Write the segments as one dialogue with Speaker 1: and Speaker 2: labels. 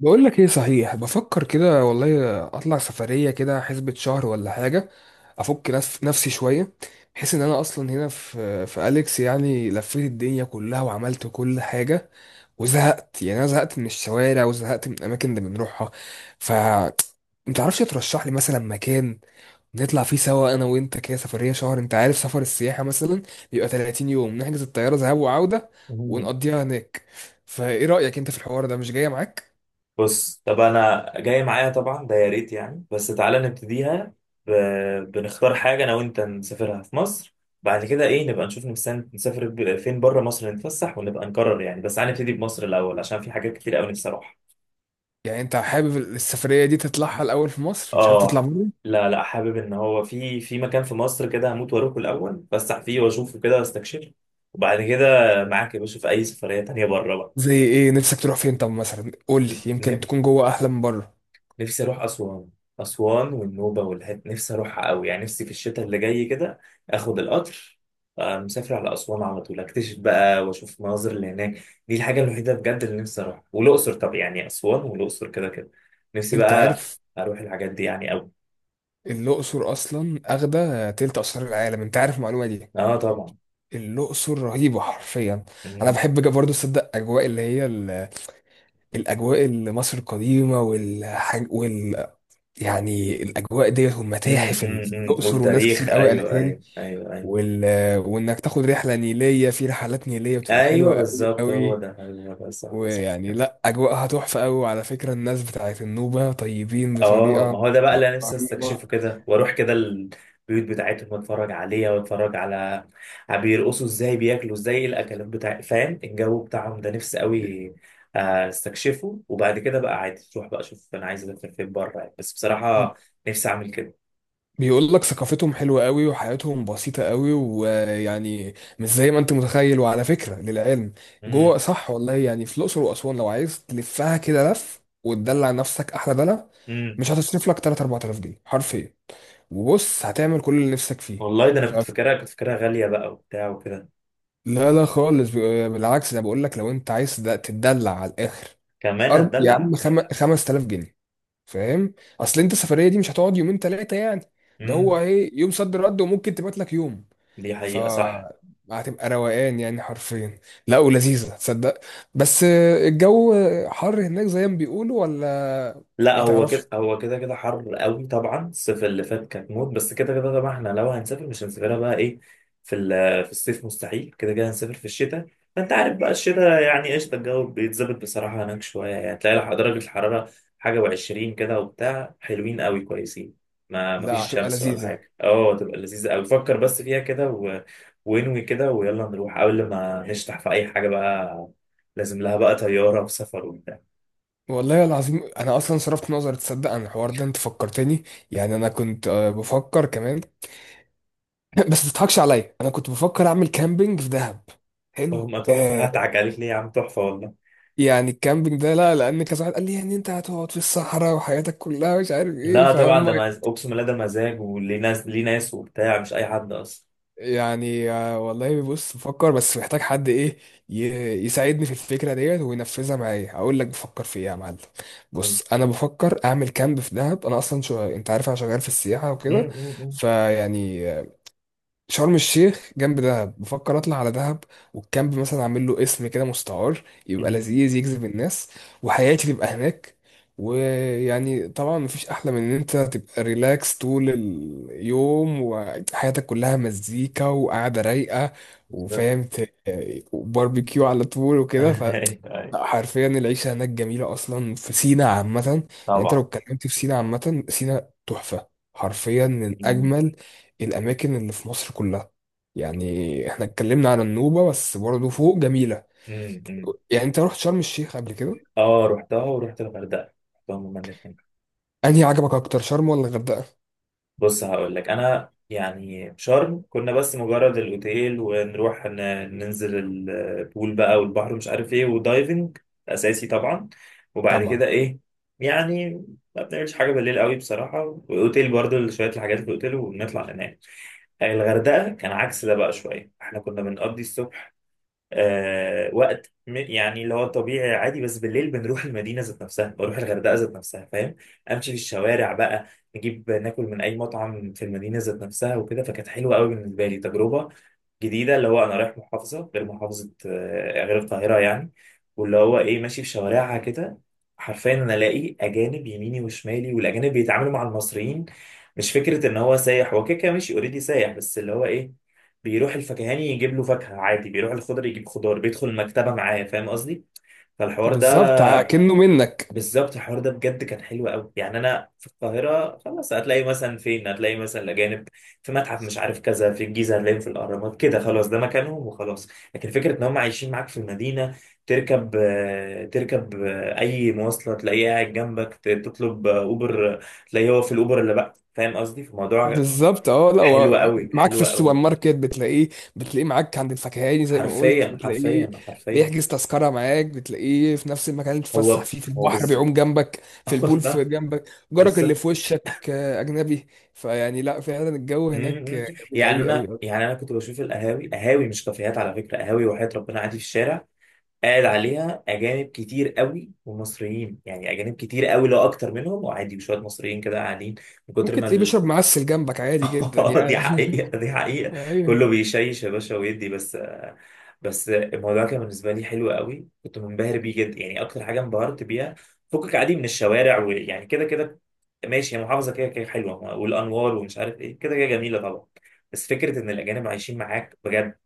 Speaker 1: بقول لك ايه، صحيح بفكر كده والله، اطلع سفريه كده حسبة شهر ولا حاجه. افك نفسي شويه. بحيث ان انا اصلا هنا في اليكس، يعني لفيت الدنيا كلها وعملت كل حاجه وزهقت. يعني انا زهقت من الشوارع وزهقت من الاماكن اللي بنروحها. ف انت عارفش ترشح لي مثلا مكان نطلع فيه سوا انا وانت، كده سفريه شهر؟ انت عارف سفر السياحه مثلا بيبقى 30 يوم، نحجز الطياره ذهاب وعوده
Speaker 2: مم.
Speaker 1: ونقضيها هناك. فايه رايك انت في الحوار ده؟ مش جايه معاك؟
Speaker 2: بص، طب انا جاي، معايا طبعا ده يا ريت، يعني بس تعالى نبتديها ب... بنختار حاجه انا وانت نسافرها في مصر. بعد كده ايه؟ نبقى نشوف نفسنا نسافر فين بره مصر، نتفسح ونبقى نقرر، يعني بس تعالى نبتدي بمصر الاول عشان في حاجات كتير قوي نفسي اروحها.
Speaker 1: يعني انت حابب السفرية دي تطلعها الأول في مصر، مش حابب تطلع
Speaker 2: اه.
Speaker 1: بره؟
Speaker 2: لا لا، حابب ان هو في مكان في مصر كده هموت واروحه الاول، اتفسح فيه واشوفه كده واستكشفه. وبعد كده معاك يا باشا في اي سفريه تانيه بره.
Speaker 1: زي ايه نفسك تروح فين؟ طب مثلا قول لي، يمكن
Speaker 2: بقى
Speaker 1: تكون جوه أحلى من بره.
Speaker 2: نفسي اروح اسوان. اسوان والنوبه والهد نفسي اروحها قوي، يعني نفسي في الشتاء اللي جاي كده اخد القطر، مسافر على اسوان على طول، اكتشف بقى واشوف المناظر اللي هناك. دي الحاجه الوحيده بجد اللي نفسي اروحها، والاقصر. طب يعني اسوان والاقصر كده كده. نفسي
Speaker 1: انت
Speaker 2: بقى
Speaker 1: عارف
Speaker 2: اروح الحاجات دي يعني قوي.
Speaker 1: الأقصر أصلا أخدة تلت آثار العالم؟ انت عارف المعلومة دي؟
Speaker 2: اه، طبعا.
Speaker 1: الأقصر رهيبة حرفيا. أنا
Speaker 2: امم.
Speaker 1: بحب برضه أصدق أجواء اللي هي الأجواء اللي مصر القديمة والحاج يعني الأجواء ديت والمتاحف
Speaker 2: امم.
Speaker 1: اللي في الأقصر، وناس
Speaker 2: والتاريخ،
Speaker 1: كتير قوي قالت
Speaker 2: ايوه
Speaker 1: لي
Speaker 2: ايوه ايوه ايوه.
Speaker 1: وال... وإنك تاخد رحلة نيلية، في رحلات نيلية بتبقى
Speaker 2: ايوه
Speaker 1: حلوة قوي
Speaker 2: بالظبط، هو
Speaker 1: قوي.
Speaker 2: ده هو ده صح.
Speaker 1: ويعني لا، اجواءها تحفه قوي، وعلى فكره الناس بتاعت النوبه طيبين
Speaker 2: اه، ما
Speaker 1: بطريقه
Speaker 2: هو ده بقى اللي انا نفسي
Speaker 1: رهيبه.
Speaker 2: استكشفه، كده واروح كده البيوت بتاعتهم واتفرج عليها، واتفرج على بيرقصوا ازاي، بياكلوا ازاي، إيه الاكلات بتاع، فاهم الجو بتاعهم ده، نفسي قوي استكشفه. وبعد كده بقى عادي تروح، بقى اشوف انا عايز اسافر فين بره يعني. بس بصراحة نفسي اعمل كده.
Speaker 1: بيقول لك ثقافتهم حلوه قوي وحياتهم بسيطه قوي، ويعني مش زي ما انت متخيل. وعلى فكره للعلم،
Speaker 2: امم.
Speaker 1: جوه صح والله. يعني في الاقصر واسوان لو عايز تلفها كده لف وتدلع نفسك احلى دلع،
Speaker 2: امم.
Speaker 1: مش هتصرف لك 3 4000 جنيه حرفيا. وبص هتعمل كل اللي نفسك فيه.
Speaker 2: والله ده انا
Speaker 1: ف...
Speaker 2: كنت فاكرها غالية بقى وبتاع وكده.
Speaker 1: لا لا خالص، بالعكس، انا بقول لك، لو انت عايز تتدلع على الاخر،
Speaker 2: كمان
Speaker 1: يا
Speaker 2: اتدلع.
Speaker 1: عم، 5000 جنيه، فاهم؟ اصل انت السفريه دي مش هتقعد يومين ثلاثه يعني، ده هو
Speaker 2: امم.
Speaker 1: ايه، يوم صد رد وممكن تبات لك يوم.
Speaker 2: دي
Speaker 1: ف
Speaker 2: حقيقة، صح.
Speaker 1: هتبقى روقان يعني حرفيا. لا، ولذيذه تصدق. بس الجو حر هناك زي ما بيقولوا، ولا
Speaker 2: لا،
Speaker 1: ما
Speaker 2: هو
Speaker 1: تعرفش؟
Speaker 2: كده هو كده كده حر قوي طبعا، الصيف اللي فات كانت موت، بس كده كده طبعا احنا لو هنسافر، مش هنسافرها بقى ايه في الصيف، مستحيل، كده كده هنسافر في الشتاء. فانت عارف بقى الشتاء يعني قشطه، الجو بيتظبط بصراحه هناك شويه، يعني تلاقي درجه الحراره حاجه وعشرين كده وبتاع، حلوين قوي كويسين. ما
Speaker 1: لا،
Speaker 2: فيش
Speaker 1: هتبقى
Speaker 2: شمس ولا
Speaker 1: لذيذه.
Speaker 2: حاجه، اه تبقى لذيذه قوي، فكر بس فيها كده وانوي كده، ويلا نروح قبل ما نشتح في اي حاجه بقى، لازم لها بقى طياره وسفر وبتاع.
Speaker 1: والله العظيم انا اصلا صرفت نظر تصدق عن الحوار ده، انت فكرتني. يعني انا كنت بفكر كمان. بس ما تضحكش عليا، انا كنت بفكر اعمل كامبينج في دهب. حلو
Speaker 2: هما تحفة، هضحك عليك ليه يا عم؟ تحفة والله.
Speaker 1: يعني الكامبينج ده، لا، لان كذا واحد قال لي يعني انت هتقعد في الصحراء وحياتك كلها مش عارف ايه،
Speaker 2: لا طبعا،
Speaker 1: فهم.
Speaker 2: ده أقسم بالله ده مزاج، وليه ناس، ليه ناس وبتاع، مش أي حد أصلا.
Speaker 1: يعني والله بص بفكر، بس محتاج حد ايه، ي- يساعدني في الفكره ديت وينفذها معايا. اقول لك بفكر في ايه يا معلم؟
Speaker 2: مم.
Speaker 1: بص، انا بفكر اعمل كامب في دهب. انا اصلا شو، انت عارف انا شغال في السياحه وكده،
Speaker 2: مم. مم.
Speaker 1: فيعني شرم الشيخ جنب دهب، بفكر اطلع على دهب والكامب مثلا اعمل له اسم كده مستعار يبقى
Speaker 2: مم.
Speaker 1: لذيذ يجذب الناس، وحياتي تبقى هناك. ويعني طبعا مفيش احلى من ان انت تبقى ريلاكس طول اليوم وحياتك كلها مزيكا وقعده رايقه.
Speaker 2: بالظبط.
Speaker 1: وفاهم وباربيكيو على طول وكده.
Speaker 2: أيوه أيوه.
Speaker 1: لا، حرفيا العيشه هناك جميله اصلا، في سينا عامه. يعني انت لو
Speaker 2: طبعا.
Speaker 1: اتكلمت في سينا عامه، سينا تحفه حرفيا، من
Speaker 2: مم.
Speaker 1: اجمل الأماكن اللي في مصر كلها. يعني احنا اتكلمنا على النوبة بس، برضه فوق جميلة.
Speaker 2: مم. مم.
Speaker 1: يعني انت رحت شرم الشيخ قبل كده؟
Speaker 2: اه، رحتها ورحت الغردقة، رحتهم هما الاتنين.
Speaker 1: انهي عجبك اكتر، شرم ولا الغردقة؟
Speaker 2: بص هقول لك، انا يعني شرم كنا بس مجرد الاوتيل، ونروح ننزل البول بقى والبحر، مش عارف ايه، ودايفنج اساسي طبعا. وبعد
Speaker 1: طبعا.
Speaker 2: كده ايه، يعني ما بنعملش حاجه بالليل قوي بصراحه، واوتيل برضو شويه الحاجات في الاوتيل ونطلع ننام. الغردقه كان عكس ده بقى شويه، احنا كنا بنقضي الصبح وقت يعني اللي هو طبيعي عادي، بس بالليل بنروح المدينة ذات نفسها، بروح الغردقة ذات نفسها فاهم، امشي في الشوارع بقى، نجيب ناكل من اي مطعم في المدينة ذات نفسها وكده، فكانت حلوة قوي بالنسبة لي. تجربة جديده، اللي هو انا رايح محافظه، غير محافظه غير القاهره يعني، واللي هو ايه ماشي في شوارعها كده. حرفيا انا الاقي اجانب يميني وشمالي، والاجانب بيتعاملوا مع المصريين، مش فكره ان هو سايح، هو كده كده ماشي اوريدي سايح، بس اللي هو ايه، بيروح الفكهاني يجيب له فاكهه عادي، بيروح الخضر يجيب خضار، بيدخل المكتبه معاه، فاهم قصدي، فالحوار ده.
Speaker 1: بالظبط، كأنه منك.
Speaker 2: بالظبط، الحوار ده بجد كان حلو قوي، يعني انا في القاهره خلاص، هتلاقي مثلا فين، هتلاقي مثلا الاجانب في متحف، مش عارف كذا، في الجيزه هتلاقيهم في الاهرامات كده، خلاص ده مكانهم وخلاص. لكن فكره ان هم عايشين معاك في المدينه، تركب اي مواصله تلاقيه قاعد جنبك، تطلب اوبر، تلاقيه هو في الاوبر اللي بقى، فاهم قصدي؟ فالموضوع
Speaker 1: بالظبط، اه لا
Speaker 2: حلو
Speaker 1: هو
Speaker 2: قوي،
Speaker 1: معاك في
Speaker 2: حلو
Speaker 1: السوبر
Speaker 2: قوي.
Speaker 1: ماركت، بتلاقيه معاك عند الفكهاني زي ما قلت،
Speaker 2: حرفيا
Speaker 1: بتلاقيه
Speaker 2: حرفيا حرفيا.
Speaker 1: بيحجز تذكرة معاك، بتلاقيه في نفس المكان اللي تتفسح
Speaker 2: هو
Speaker 1: فيه في
Speaker 2: هو
Speaker 1: البحر،
Speaker 2: بالظبط.
Speaker 1: بيعوم جنبك في البول، في
Speaker 2: والله.
Speaker 1: جنبك جارك اللي
Speaker 2: بالظبط.
Speaker 1: في وشك أجنبي. فيعني لا، فعلا الجو هناك
Speaker 2: مم.
Speaker 1: جميل
Speaker 2: يعني
Speaker 1: قوي
Speaker 2: انا
Speaker 1: قوي.
Speaker 2: كنت بشوف القهاوي، قهاوي مش كافيهات على فكره، قهاوي، وحياة ربنا عادي في الشارع قاعد عليها اجانب كتير قوي ومصريين، يعني اجانب كتير قوي، لو اكتر منهم، وعادي وشويه مصريين كده قاعدين من كتر
Speaker 1: ممكن تلاقيه
Speaker 2: ما.
Speaker 1: بيشرب معسل جنبك عادي جدا
Speaker 2: دي
Speaker 1: يعني.
Speaker 2: حقيقة، دي حقيقة.
Speaker 1: ايوه.
Speaker 2: كله بيشيش يا باشا ويدي بس. بس الموضوع كان بالنسبة لي حلو قوي، كنت منبهر بيه جدا يعني، أكتر حاجة انبهرت بيها، فكك عادي من الشوارع، ويعني كده كده ماشي، هي محافظة كده كده حلوة والأنوار ومش عارف إيه، كده كده جميلة طبعا، بس فكرة إن الأجانب عايشين معاك بجد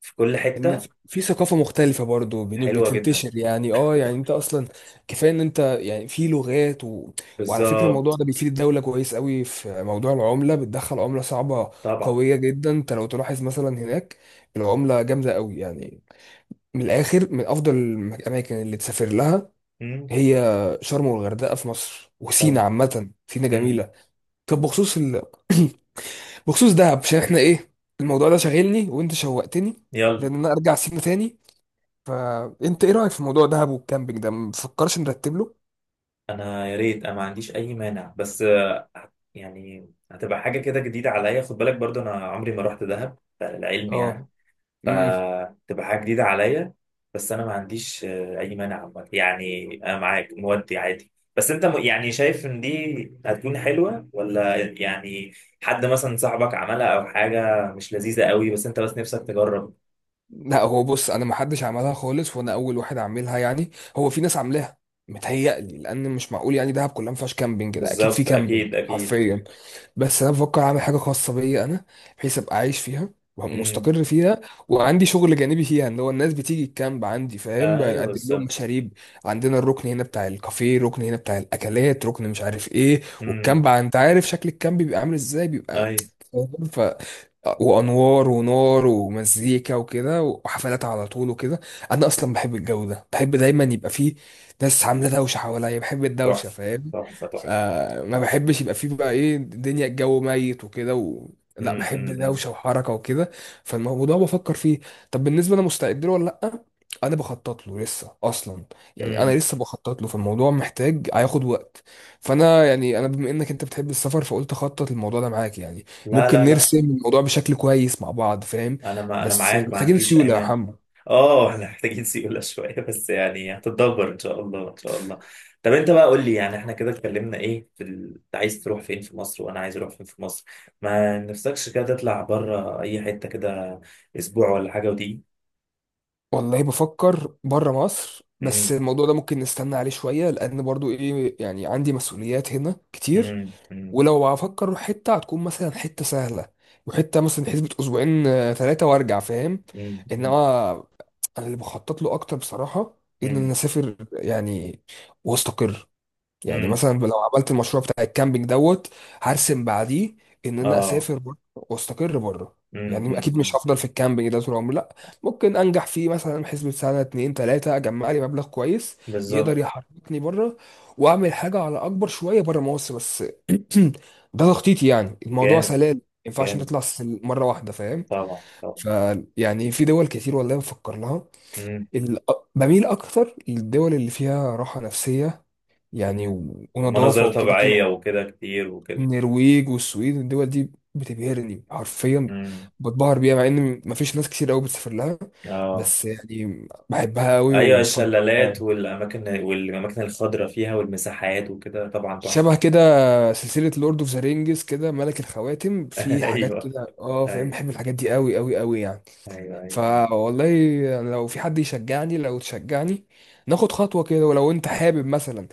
Speaker 2: في كل
Speaker 1: ان
Speaker 2: حتة.
Speaker 1: في ثقافه مختلفه برضو
Speaker 2: حلوة جدا.
Speaker 1: بتنتشر، يعني اه، يعني انت اصلا كفايه ان انت يعني في لغات وعلى فكره الموضوع
Speaker 2: بالظبط.
Speaker 1: ده بيفيد الدوله كويس قوي في موضوع العمله، بتدخل عمله صعبه
Speaker 2: طبعا.
Speaker 1: قويه جدا. انت لو تلاحظ مثلا هناك العمله جامده قوي يعني. من الاخر، من افضل الاماكن اللي تسافر لها
Speaker 2: امم.
Speaker 1: هي شرم والغردقه في مصر، وسينا
Speaker 2: طبعا.
Speaker 1: عامه سينا
Speaker 2: امم.
Speaker 1: جميله. طب بخصوص دهب، عشان احنا ايه، الموضوع ده شاغلني وانت شوقتني
Speaker 2: يلا.
Speaker 1: لان انا ارجع سينا تاني. فانت ايه رايك في موضوع دهب والكامبينج ده؟ مفكرش نرتب له؟
Speaker 2: انا يا ريت، انا ما عنديش اي مانع، بس يعني هتبقى حاجه كده جديده عليا، خد بالك برضو انا عمري ما رحت دهب للعلم
Speaker 1: اه.
Speaker 2: يعني،
Speaker 1: امم.
Speaker 2: فتبقى حاجه جديده عليا. بس انا ما عنديش اي مانع عامة. يعني انا معاك مودي عادي، بس انت يعني شايف ان دي هتكون حلوه ولا يعني، حد مثلا صاحبك عملها، او حاجه مش لذيذه قوي، بس انت بس نفسك تجرب.
Speaker 1: لا هو بص، انا ما حدش عملها خالص وانا اول واحد عاملها يعني. هو في ناس عاملاها متهيألي، لان مش معقول يعني دهب كلها ما فيهاش كامبينج، ده اكيد في
Speaker 2: بالظبط.
Speaker 1: كامبينج
Speaker 2: اكيد اكيد.
Speaker 1: حرفيا. بس انا بفكر اعمل حاجه خاصه بيا انا، بحيث ابقى عايش فيها
Speaker 2: امم.
Speaker 1: ومستقر فيها، وعندي شغل جانبي فيها، ان هو الناس بتيجي الكامب عندي، فاهم،
Speaker 2: ايوه
Speaker 1: بقدم لهم
Speaker 2: بالظبط.
Speaker 1: مشاريب. عندنا الركن هنا بتاع الكافيه، ركن هنا بتاع الاكلات، ركن مش عارف ايه.
Speaker 2: امم.
Speaker 1: والكامب انت عارف شكل الكامب بيبقى عامل ازاي، بيبقى
Speaker 2: ايوه.
Speaker 1: فاهم؟ وانوار ونار ومزيكا وكده، وحفلات على طول وكده. انا اصلا بحب الجو ده، بحب دايما يبقى فيه ناس عامله دوشه حواليا، بحب الدوشه
Speaker 2: تحفه.
Speaker 1: فاهم.
Speaker 2: تحفه تحفه.
Speaker 1: فما بحبش يبقى فيه بقى ايه، الدنيا الجو ميت وكده لا،
Speaker 2: امم
Speaker 1: بحب
Speaker 2: امم
Speaker 1: دوشه وحركه وكده. فالموضوع بفكر فيه. طب بالنسبه انا مستعد له ولا لا؟ انا بخطط له لسه اصلا. يعني انا
Speaker 2: امم.
Speaker 1: لسه بخطط له، فالموضوع محتاج هياخد وقت. فانا يعني، انا بما انك انت بتحب السفر، فقلت اخطط الموضوع ده معاك يعني،
Speaker 2: لا
Speaker 1: ممكن
Speaker 2: لا لا،
Speaker 1: نرسم الموضوع بشكل كويس مع بعض، فاهم.
Speaker 2: انا، ما انا
Speaker 1: بس
Speaker 2: معاك ما
Speaker 1: محتاجين
Speaker 2: عنديش
Speaker 1: سيولة يا
Speaker 2: ايمان.
Speaker 1: حمو.
Speaker 2: اه احنا محتاجين سيولة شوية بس يعني، هتتدبر ان شاء الله ان شاء الله. طب انت بقى قول لي، يعني احنا كده اتكلمنا ايه في انت عايز تروح فين في مصر، وانا عايز اروح فين في مصر، ما نفسكش كده تطلع بره اي حتة كده اسبوع ولا حاجة ودي؟
Speaker 1: والله بفكر بره مصر، بس
Speaker 2: امم.
Speaker 1: الموضوع ده ممكن نستنى عليه شوية، لأن برضو إيه يعني، عندي مسؤوليات هنا كتير.
Speaker 2: امم.
Speaker 1: ولو هفكر أروح حتة، هتكون مثلا حتة سهلة، وحتة مثلا حسبة أسبوعين ثلاثة وأرجع، فاهم؟
Speaker 2: امم.
Speaker 1: إنما أنا اللي بخطط له أكتر بصراحة، إن أنا
Speaker 2: امم
Speaker 1: أسافر يعني وأستقر. يعني
Speaker 2: امم.
Speaker 1: مثلا لو عملت المشروع بتاع الكامبينج دوت، هرسم بعديه ان انا
Speaker 2: اه.
Speaker 1: اسافر بره واستقر بره.
Speaker 2: امم.
Speaker 1: يعني اكيد مش
Speaker 2: امم.
Speaker 1: هفضل في الكامبينج ده طول عمري، لا. ممكن انجح فيه مثلا حسبة سنه اتنين تلاته، اجمع لي مبلغ كويس
Speaker 2: بالظبط.
Speaker 1: يقدر يحركني بره، واعمل حاجه على اكبر شويه بره مصر. بس ده تخطيطي يعني، الموضوع
Speaker 2: جامد.
Speaker 1: سلال، ما ينفعش
Speaker 2: جامد.
Speaker 1: نطلع مره واحده، فاهم.
Speaker 2: طبعا.
Speaker 1: فيعني في دول كتير والله بفكر لها.
Speaker 2: طبعا.
Speaker 1: ال- بميل اكتر للدول اللي فيها راحه نفسيه يعني،
Speaker 2: مم.
Speaker 1: ونظافة
Speaker 2: ومناظر
Speaker 1: وكده كانوا.
Speaker 2: طبيعية وكده كتير وكده.
Speaker 1: النرويج والسويد والدول دي بتبهرني حرفيا،
Speaker 2: مم.
Speaker 1: بتبهر بيها، مع ان مفيش ناس كتير قوي بتسافر لها،
Speaker 2: اه.
Speaker 1: بس يعني بحبها قوي
Speaker 2: ايوه،
Speaker 1: وبفضلها.
Speaker 2: الشلالات
Speaker 1: يعني
Speaker 2: والاماكن، والاماكن الخضراء فيها والمساحات وكده، طبعا تحفة.
Speaker 1: شبه كده سلسلة لورد اوف ذا رينجز كده، ملك الخواتم، في حاجات
Speaker 2: ايوه
Speaker 1: كده اه، فاهم،
Speaker 2: ايوه.
Speaker 1: بحب الحاجات دي قوي قوي قوي يعني.
Speaker 2: ايوه ايوه, أيوة.
Speaker 1: فوالله، يعني لو في حد يشجعني، لو تشجعني، ناخد خطوة كده. ولو انت حابب مثلا،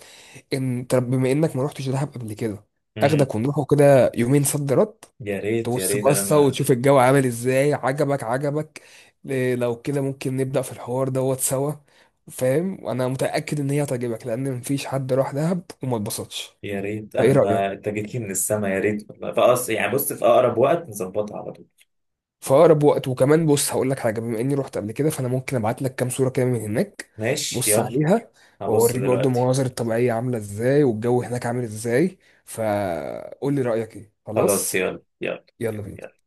Speaker 1: ان طب بما انك ما رحتش دهب قبل كده،
Speaker 2: مم.
Speaker 1: اخدك ونروحوا كده يومين صد رد،
Speaker 2: يا ريت يا
Speaker 1: تبص
Speaker 2: ريت انا
Speaker 1: بصة
Speaker 2: ما
Speaker 1: وتشوف الجو عامل ازاي. عجبك عجبك، إيه، لو كده ممكن نبدأ في الحوار دوت سوا، فاهم. وانا متأكد ان هي هتعجبك، لان مفيش حد راح دهب وما اتبسطش.
Speaker 2: يا ريت
Speaker 1: فايه
Speaker 2: انا
Speaker 1: رأيك؟
Speaker 2: ما انت جيت لي من السما، يا ريت والله، فأص يعني بص، في اقرب وقت نظبطها على طول.
Speaker 1: في اقرب وقت. وكمان بص هقول لك حاجة، بما اني رحت قبل كده، فانا ممكن ابعت لك كام صورة كده من هناك،
Speaker 2: ماشي
Speaker 1: بص
Speaker 2: يلا.
Speaker 1: عليها،
Speaker 2: هبص
Speaker 1: واوريك برضه
Speaker 2: دلوقتي.
Speaker 1: المناظر الطبيعية عاملة ازاي والجو هناك عامل ازاي. فقول لي رأيك ايه،
Speaker 2: خلاص
Speaker 1: خلاص؟
Speaker 2: يلا يلا.
Speaker 1: يلا بينا.